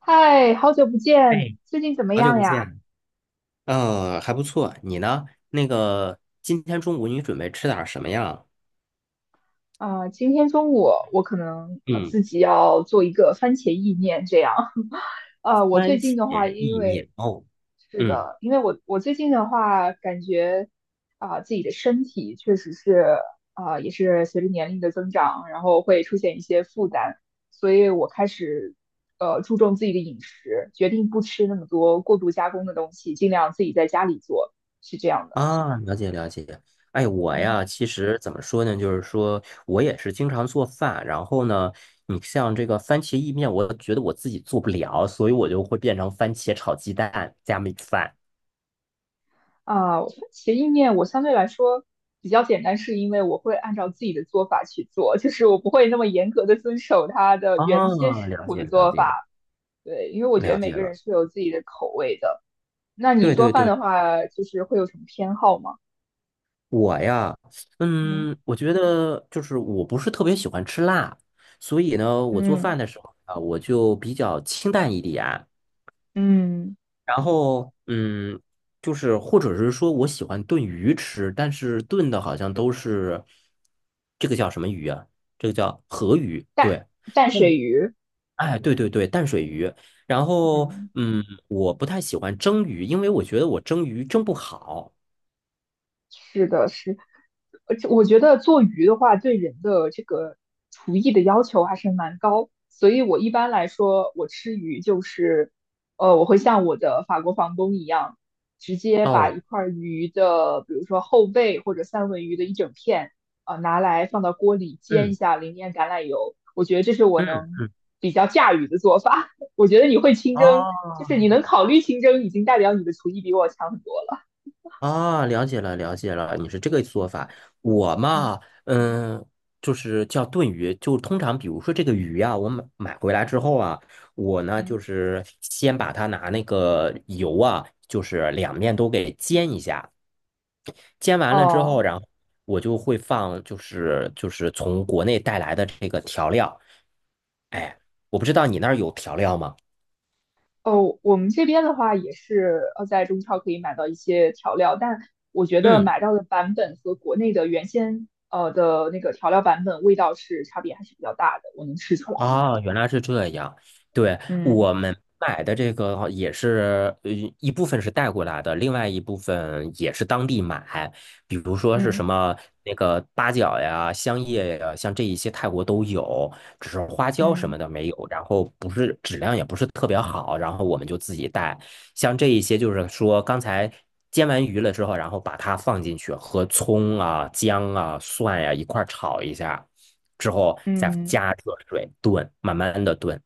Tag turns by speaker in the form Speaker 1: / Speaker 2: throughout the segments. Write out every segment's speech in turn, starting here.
Speaker 1: 嗨，好久不
Speaker 2: 哎，
Speaker 1: 见，最近怎么
Speaker 2: 好久
Speaker 1: 样
Speaker 2: 不
Speaker 1: 呀？
Speaker 2: 见，嗯，还不错。你呢？那个，今天中午你准备吃点儿什么呀？
Speaker 1: 今天中午我可能
Speaker 2: 嗯，
Speaker 1: 自己要做一个番茄意面这样。我
Speaker 2: 番
Speaker 1: 最近
Speaker 2: 茄
Speaker 1: 的话，因
Speaker 2: 意
Speaker 1: 为
Speaker 2: 面哦。
Speaker 1: 是
Speaker 2: 嗯
Speaker 1: 的，因为我最近的话，感觉自己的身体确实是也是随着年龄的增长，然后会出现一些负担，所以我开始注重自己的饮食，决定不吃那么多过度加工的东西，尽量自己在家里做，是这样的。
Speaker 2: 啊，了解了解。哎，我
Speaker 1: 嗯。
Speaker 2: 呀，其实怎么说呢，就是说我也是经常做饭，然后呢，你像这个番茄意面，我觉得我自己做不了，所以我就会变成番茄炒鸡蛋加米饭。
Speaker 1: 啊，其意面我相对来说比较简单，是因为我会按照自己的做法去做，就是我不会那么严格的遵守它的原先
Speaker 2: 啊，
Speaker 1: 食
Speaker 2: 了
Speaker 1: 谱
Speaker 2: 解
Speaker 1: 的
Speaker 2: 了
Speaker 1: 做
Speaker 2: 解
Speaker 1: 法。对，因为我觉得
Speaker 2: 了
Speaker 1: 每
Speaker 2: 解
Speaker 1: 个人
Speaker 2: 了。
Speaker 1: 是有自己的口味的。那你
Speaker 2: 对
Speaker 1: 做
Speaker 2: 对
Speaker 1: 饭
Speaker 2: 对
Speaker 1: 的话，就是会有什么偏好吗？
Speaker 2: 我呀，
Speaker 1: 嗯
Speaker 2: 嗯，我觉得就是我不是特别喜欢吃辣，所以呢，我做
Speaker 1: 嗯
Speaker 2: 饭的时候啊，我就比较清淡一点。
Speaker 1: 嗯，
Speaker 2: 然后，嗯，就是或者是说我喜欢炖鱼吃，但是炖的好像都是这个叫什么鱼啊？这个叫河鱼，
Speaker 1: 淡
Speaker 2: 对，
Speaker 1: 淡
Speaker 2: 嗯，
Speaker 1: 水鱼。
Speaker 2: 哎，对对对，淡水鱼。然后，
Speaker 1: 嗯。
Speaker 2: 嗯，我不太喜欢蒸鱼，因为我觉得我蒸鱼蒸不好。
Speaker 1: 是的，是，而且我觉得做鱼的话，对人的这个厨艺的要求还是蛮高，所以我一般来说，我吃鱼就是，我会像我的法国房东一样，直接把
Speaker 2: 哦，
Speaker 1: 一块儿鱼的，比如说后背或者三文鱼的一整片，拿来放到锅里煎一
Speaker 2: 嗯
Speaker 1: 下，淋点橄榄油，我觉得这是我
Speaker 2: 嗯
Speaker 1: 能
Speaker 2: 嗯，
Speaker 1: 比较驾驭的做法。我觉得你会清蒸，就是你
Speaker 2: 哦。
Speaker 1: 能考虑清蒸，已经代表你的厨艺比我强很多了。
Speaker 2: 啊，了解了，了解了，你是这个做法。
Speaker 1: 嗯
Speaker 2: 我
Speaker 1: 嗯
Speaker 2: 嘛，嗯，就是叫炖鱼，就通常比如说这个鱼啊，我买回来之后啊，我呢就
Speaker 1: 嗯。
Speaker 2: 是先把它拿那个油啊，就是两面都给煎一下，煎完了之后，
Speaker 1: 哦
Speaker 2: 然后我就会放就是从国内带来的这个调料。哎，我不知道你那儿有调料吗？
Speaker 1: 哦，我们这边的话也是在中超可以买到一些调料，但我觉得
Speaker 2: 嗯。
Speaker 1: 买到的版本和国内的原先的那个调料版本味道是差别还是比较大的，我能吃出来。
Speaker 2: 哦，原来是这样。对，
Speaker 1: 嗯
Speaker 2: 我嗯们买的这个也是，一部分是带过来的，另外一部分也是当地买，比如说是什
Speaker 1: 嗯
Speaker 2: 么那个八角呀、香叶呀，像这一些泰国都有，只是花椒什
Speaker 1: 嗯
Speaker 2: 么的没有，然后不是质量也不是特别好，然后我们就自己带。像这一些就是说刚才。煎完鱼了之后，然后把它放进去，和葱啊、姜啊、蒜呀、一块儿炒一下。之后再
Speaker 1: 嗯。
Speaker 2: 加热水炖，慢慢的炖。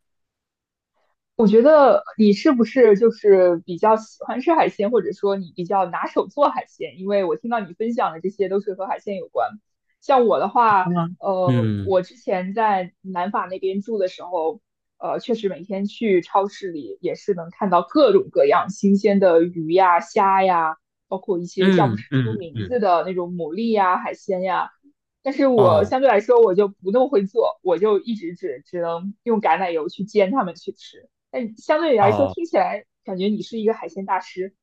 Speaker 1: 我觉得你是不是就是比较喜欢吃海鲜，或者说你比较拿手做海鲜？因为我听到你分享的这些都是和海鲜有关。像我的话，
Speaker 2: 嗯
Speaker 1: 我之前在南法那边住的时候，确实每天去超市里也是能看到各种各样新鲜的鱼呀、虾呀，包括一些叫不
Speaker 2: 嗯
Speaker 1: 出
Speaker 2: 嗯
Speaker 1: 名
Speaker 2: 嗯，
Speaker 1: 字的那种牡蛎呀、海鲜呀。但是我
Speaker 2: 哦
Speaker 1: 相对来说我就不那么会做，我就一直只能用橄榄油去煎它们去吃。但相对来说，
Speaker 2: 哦，
Speaker 1: 听起来感觉你是一个海鲜大师。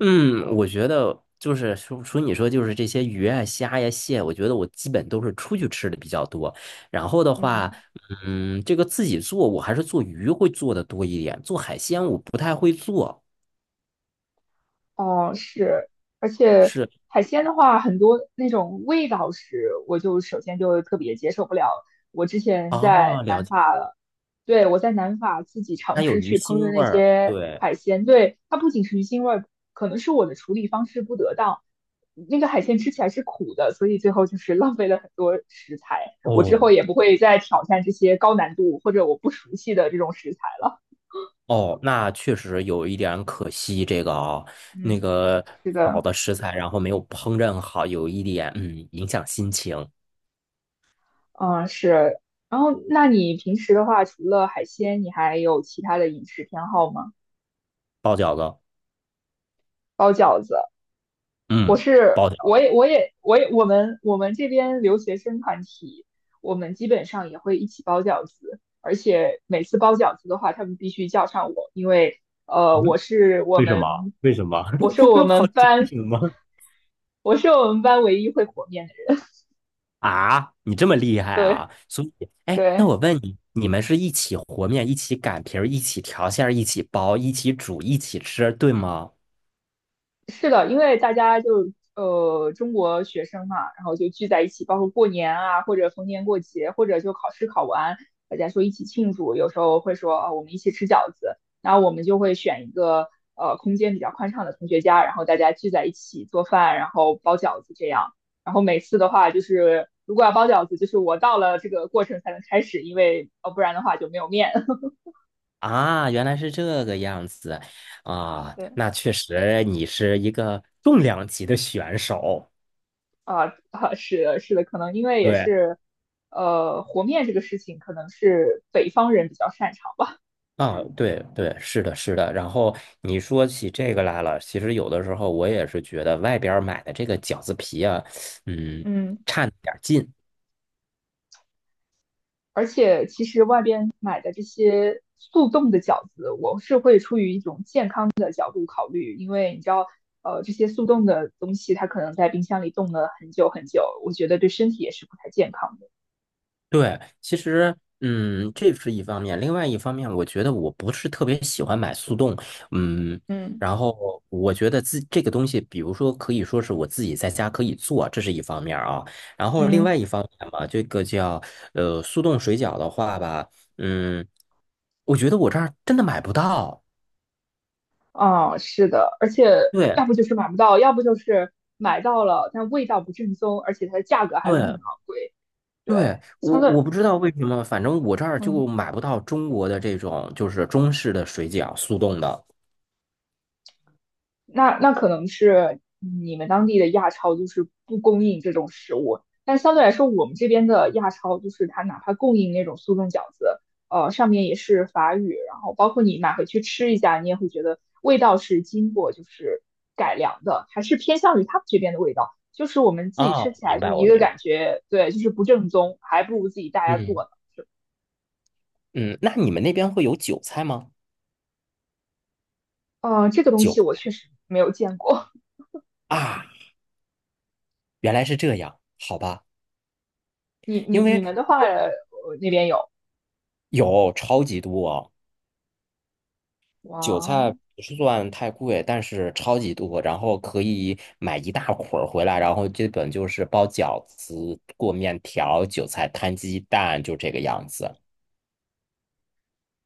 Speaker 2: 嗯，我觉得就是说你说就是这些鱼啊、虾呀、蟹，我觉得我基本都是出去吃的比较多。然后的话，
Speaker 1: 嗯。
Speaker 2: 嗯，这个自己做我还是做鱼会做的多一点，做海鲜我不太会做。
Speaker 1: 哦，是，而且
Speaker 2: 是
Speaker 1: 海鲜的话，很多那种味道是，我就首先就特别接受不了。我之前在
Speaker 2: 啊，了
Speaker 1: 南
Speaker 2: 解，
Speaker 1: 法，对，我在南法自己
Speaker 2: 它
Speaker 1: 尝
Speaker 2: 有
Speaker 1: 试
Speaker 2: 鱼
Speaker 1: 去烹
Speaker 2: 腥
Speaker 1: 饪
Speaker 2: 味
Speaker 1: 那
Speaker 2: 儿。
Speaker 1: 些
Speaker 2: 对，
Speaker 1: 海鲜，对，它不仅是鱼腥味儿，可能是我的处理方式不得当，那个海鲜吃起来是苦的，所以最后就是浪费了很多食材。我之
Speaker 2: 哦，
Speaker 1: 后也不会再挑战这些高难度或者我不熟悉的这种食材了。
Speaker 2: 哦，那确实有一点可惜，这个啊、那
Speaker 1: 嗯，
Speaker 2: 个
Speaker 1: 是
Speaker 2: 好
Speaker 1: 的。
Speaker 2: 的食材，然后没有烹饪好，有一点影响心情。
Speaker 1: 嗯，是。然后，那你平时的话，除了海鲜，你还有其他的饮食偏好吗？
Speaker 2: 包饺子，
Speaker 1: 包饺子，我
Speaker 2: 嗯，
Speaker 1: 是，
Speaker 2: 包饺
Speaker 1: 我也，
Speaker 2: 子，
Speaker 1: 我们这边留学生团体，我们基本上也会一起包饺子，而且每次包饺子的话，他们必须叫上我，因为
Speaker 2: 嗯，为什么？为什么？
Speaker 1: 我是我
Speaker 2: 好
Speaker 1: 们
Speaker 2: 奇为
Speaker 1: 班，
Speaker 2: 什么？
Speaker 1: 我是我们班唯一会和面的人。
Speaker 2: 啊，你这么厉害
Speaker 1: 对
Speaker 2: 啊！所以，哎，那
Speaker 1: 对。
Speaker 2: 我问你，你们是一起和面、一起擀皮儿、一起调馅儿、一起包、一起煮、一起吃，对吗？
Speaker 1: 是的，因为大家就中国学生嘛，然后就聚在一起，包括过年啊，或者逢年过节，或者就考试考完，大家说一起庆祝，有时候会说啊我们一起吃饺子，然后我们就会选一个空间比较宽敞的同学家，然后大家聚在一起做饭，然后包饺子这样。然后每次的话就是如果要包饺子，就是我到了这个过程才能开始，因为不然的话就没有面。
Speaker 2: 啊，原来是这个样子啊，
Speaker 1: 对，
Speaker 2: 那确实你是一个重量级的选手，
Speaker 1: 啊啊，是的，是的，可能因为也
Speaker 2: 对。
Speaker 1: 是，和面这个事情可能是北方人比较擅长吧。
Speaker 2: 啊，对对，是的，是的。然后你说起这个来了，其实有的时候我也是觉得外边儿买的这个饺子皮啊，嗯，
Speaker 1: 嗯
Speaker 2: 差那点儿劲。
Speaker 1: 而且其实外边买的这些速冻的饺子，我是会出于一种健康的考虑，因为你知道，这些速冻的东西它可能在冰箱里冻了很久很久，我觉得对身体也是不太健康的。
Speaker 2: 对，其实，嗯，这是一方面，另外一方面，我觉得我不是特别喜欢买速冻，嗯，
Speaker 1: 嗯
Speaker 2: 然后我觉得自这个东西，比如说可以说是我自己在家可以做，这是一方面啊，然后另
Speaker 1: 嗯。
Speaker 2: 外一方面嘛，这个叫速冻水饺的话吧，嗯，我觉得我这儿真的买不到，
Speaker 1: 哦，是的，而且要
Speaker 2: 对
Speaker 1: 不就是买不到，要不就是买到了，但味道不正宗，而且它的价格还会很
Speaker 2: 对。
Speaker 1: 昂贵。对，
Speaker 2: 对，我
Speaker 1: 相对，
Speaker 2: 我不知道为什么，反正我这儿就
Speaker 1: 嗯。
Speaker 2: 买不到中国的这种就是中式的水饺，速冻的。
Speaker 1: 那可能是你们当地的亚超就是不供应这种食物，但相对来说，我们这边的亚超就是它哪怕供应那种速冻饺子，上面也是法语，然后包括你买回去吃一下，你也会觉得味道是经过就是改良的，还是偏向于他们这边的味道，就是我们自己吃
Speaker 2: 哦，
Speaker 1: 起
Speaker 2: 明
Speaker 1: 来就
Speaker 2: 白，
Speaker 1: 一
Speaker 2: 我
Speaker 1: 个
Speaker 2: 明
Speaker 1: 感
Speaker 2: 白。
Speaker 1: 觉，对，就是不正宗，还不如自己大家做
Speaker 2: 嗯
Speaker 1: 呢。
Speaker 2: 嗯，那你们那边会有韭菜吗？
Speaker 1: 这个东
Speaker 2: 韭
Speaker 1: 西我确实没有见过，
Speaker 2: 啊，原来是这样，好吧，
Speaker 1: 你你
Speaker 2: 因为
Speaker 1: 你们的话，那边有
Speaker 2: 有超级多，韭
Speaker 1: 哇。
Speaker 2: 菜不是算太贵，但是超级多，然后可以买一大捆儿回来，然后基本就是包饺子、过面条、韭菜摊鸡蛋，就这个样子。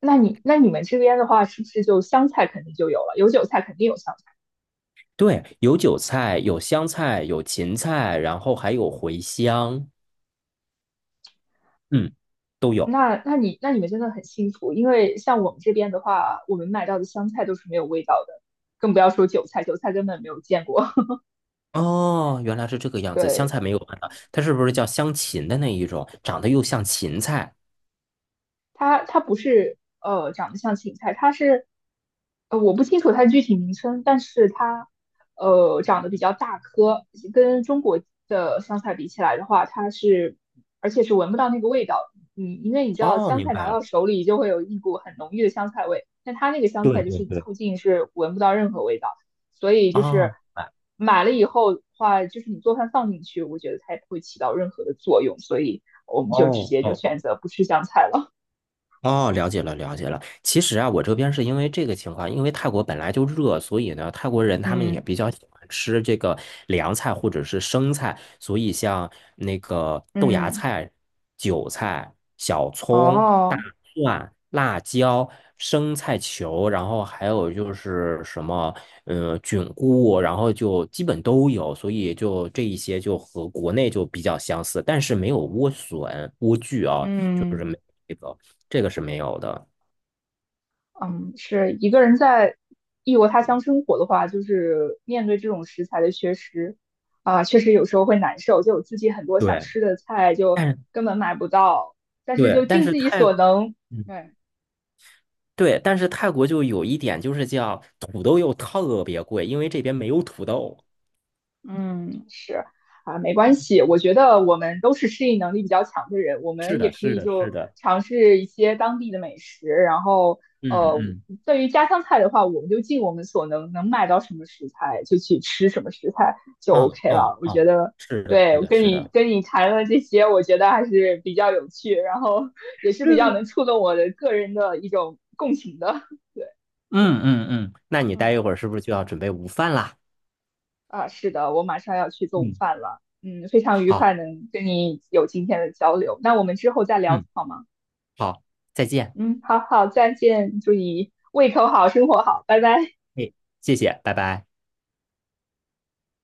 Speaker 1: 那你们这边的话，是不是就香菜肯定就有了？有韭菜肯定有香菜。
Speaker 2: 对，有韭菜，有香菜，有芹菜，然后还有茴香，嗯，都有。
Speaker 1: 那你们真的很幸福，因为像我们这边的话，我们买到的香菜都是没有味道的，更不要说韭菜，韭菜根本没有见过。
Speaker 2: 哦，原来是这个样子。香
Speaker 1: 对，
Speaker 2: 菜没有看到，它是不是叫香芹的那一种？长得又像芹菜。
Speaker 1: 它不是长得像芹菜，它是我不清楚它的具体名称，但是它长得比较大颗，跟中国的香菜比起来的话，而且是闻不到那个味道，因为你知道
Speaker 2: 哦，
Speaker 1: 香
Speaker 2: 明
Speaker 1: 菜
Speaker 2: 白
Speaker 1: 拿
Speaker 2: 了。
Speaker 1: 到手里就会有一股很浓郁的香菜味，但它那个香
Speaker 2: 对
Speaker 1: 菜就
Speaker 2: 对
Speaker 1: 是你
Speaker 2: 对。
Speaker 1: 凑近是闻不到任何味道，所以就
Speaker 2: 哦，
Speaker 1: 是
Speaker 2: 明白。
Speaker 1: 买了以后的话，就是你做饭放进去，我觉得它也不会起到任何的作用，所以我们就直
Speaker 2: 哦
Speaker 1: 接
Speaker 2: 哦
Speaker 1: 就选
Speaker 2: 哦
Speaker 1: 择不吃香菜了。
Speaker 2: 哦，了解了，了解了。其实啊，我这边是因为这个情况，因为泰国本来就热，所以呢，泰国人他们也
Speaker 1: 嗯
Speaker 2: 比较喜欢吃这个凉菜或者是生菜，所以像那个豆芽
Speaker 1: 嗯，
Speaker 2: 菜、韭菜、小葱、大
Speaker 1: 哦，
Speaker 2: 蒜、辣椒、生菜球，然后还有就是什么，菌菇，然后就基本都有，所以就这一些就和国内就比较相似，但是没有莴笋、莴苣啊，就是没
Speaker 1: 嗯
Speaker 2: 有这个。这个是没有的。
Speaker 1: 嗯，是一个人在异国他乡生活的话，就是面对这种食材的缺失啊，确实有时候会难受。就我自己很多想
Speaker 2: 对，
Speaker 1: 吃的菜就
Speaker 2: 但是
Speaker 1: 根本买不到，但是
Speaker 2: 对，
Speaker 1: 就
Speaker 2: 但
Speaker 1: 尽
Speaker 2: 是
Speaker 1: 自己
Speaker 2: 泰，
Speaker 1: 所能，
Speaker 2: 嗯
Speaker 1: 对，
Speaker 2: 对，但是泰国就有一点就是叫土豆又特别贵，因为这边没有土豆。
Speaker 1: 嗯，是啊，没关系。我觉得我们都是适应能力比较强的人，我
Speaker 2: 是
Speaker 1: 们也
Speaker 2: 的，
Speaker 1: 可
Speaker 2: 是
Speaker 1: 以
Speaker 2: 的，
Speaker 1: 就
Speaker 2: 是的，
Speaker 1: 尝试一些当地的美食。然后，
Speaker 2: 嗯
Speaker 1: 呃，
Speaker 2: 嗯，
Speaker 1: 对于家乡菜的话，我们就尽我们所能，能买到什么食材就去吃什么食材就
Speaker 2: 嗯
Speaker 1: OK
Speaker 2: 啊啊
Speaker 1: 了。我觉
Speaker 2: 啊，
Speaker 1: 得，
Speaker 2: 是的，
Speaker 1: 对，
Speaker 2: 是
Speaker 1: 我
Speaker 2: 的，
Speaker 1: 跟
Speaker 2: 是
Speaker 1: 你
Speaker 2: 的，
Speaker 1: 跟你谈了这些，我觉得还是比较有趣，然后也是比较
Speaker 2: 嗯
Speaker 1: 能触动我的个人的一种共情的。对，
Speaker 2: 嗯嗯嗯，那你待
Speaker 1: 嗯。
Speaker 2: 一会儿是不是就要准备午饭啦？
Speaker 1: 啊，是的，我马上要去做午
Speaker 2: 嗯，
Speaker 1: 饭了。嗯，非常愉
Speaker 2: 好，
Speaker 1: 快能跟你有今天的交流。那我们之后再聊
Speaker 2: 嗯，
Speaker 1: 好吗？
Speaker 2: 好，再见，
Speaker 1: 嗯，好好，再见，祝你胃口好，生活好，拜拜。
Speaker 2: 哎，谢谢，拜拜。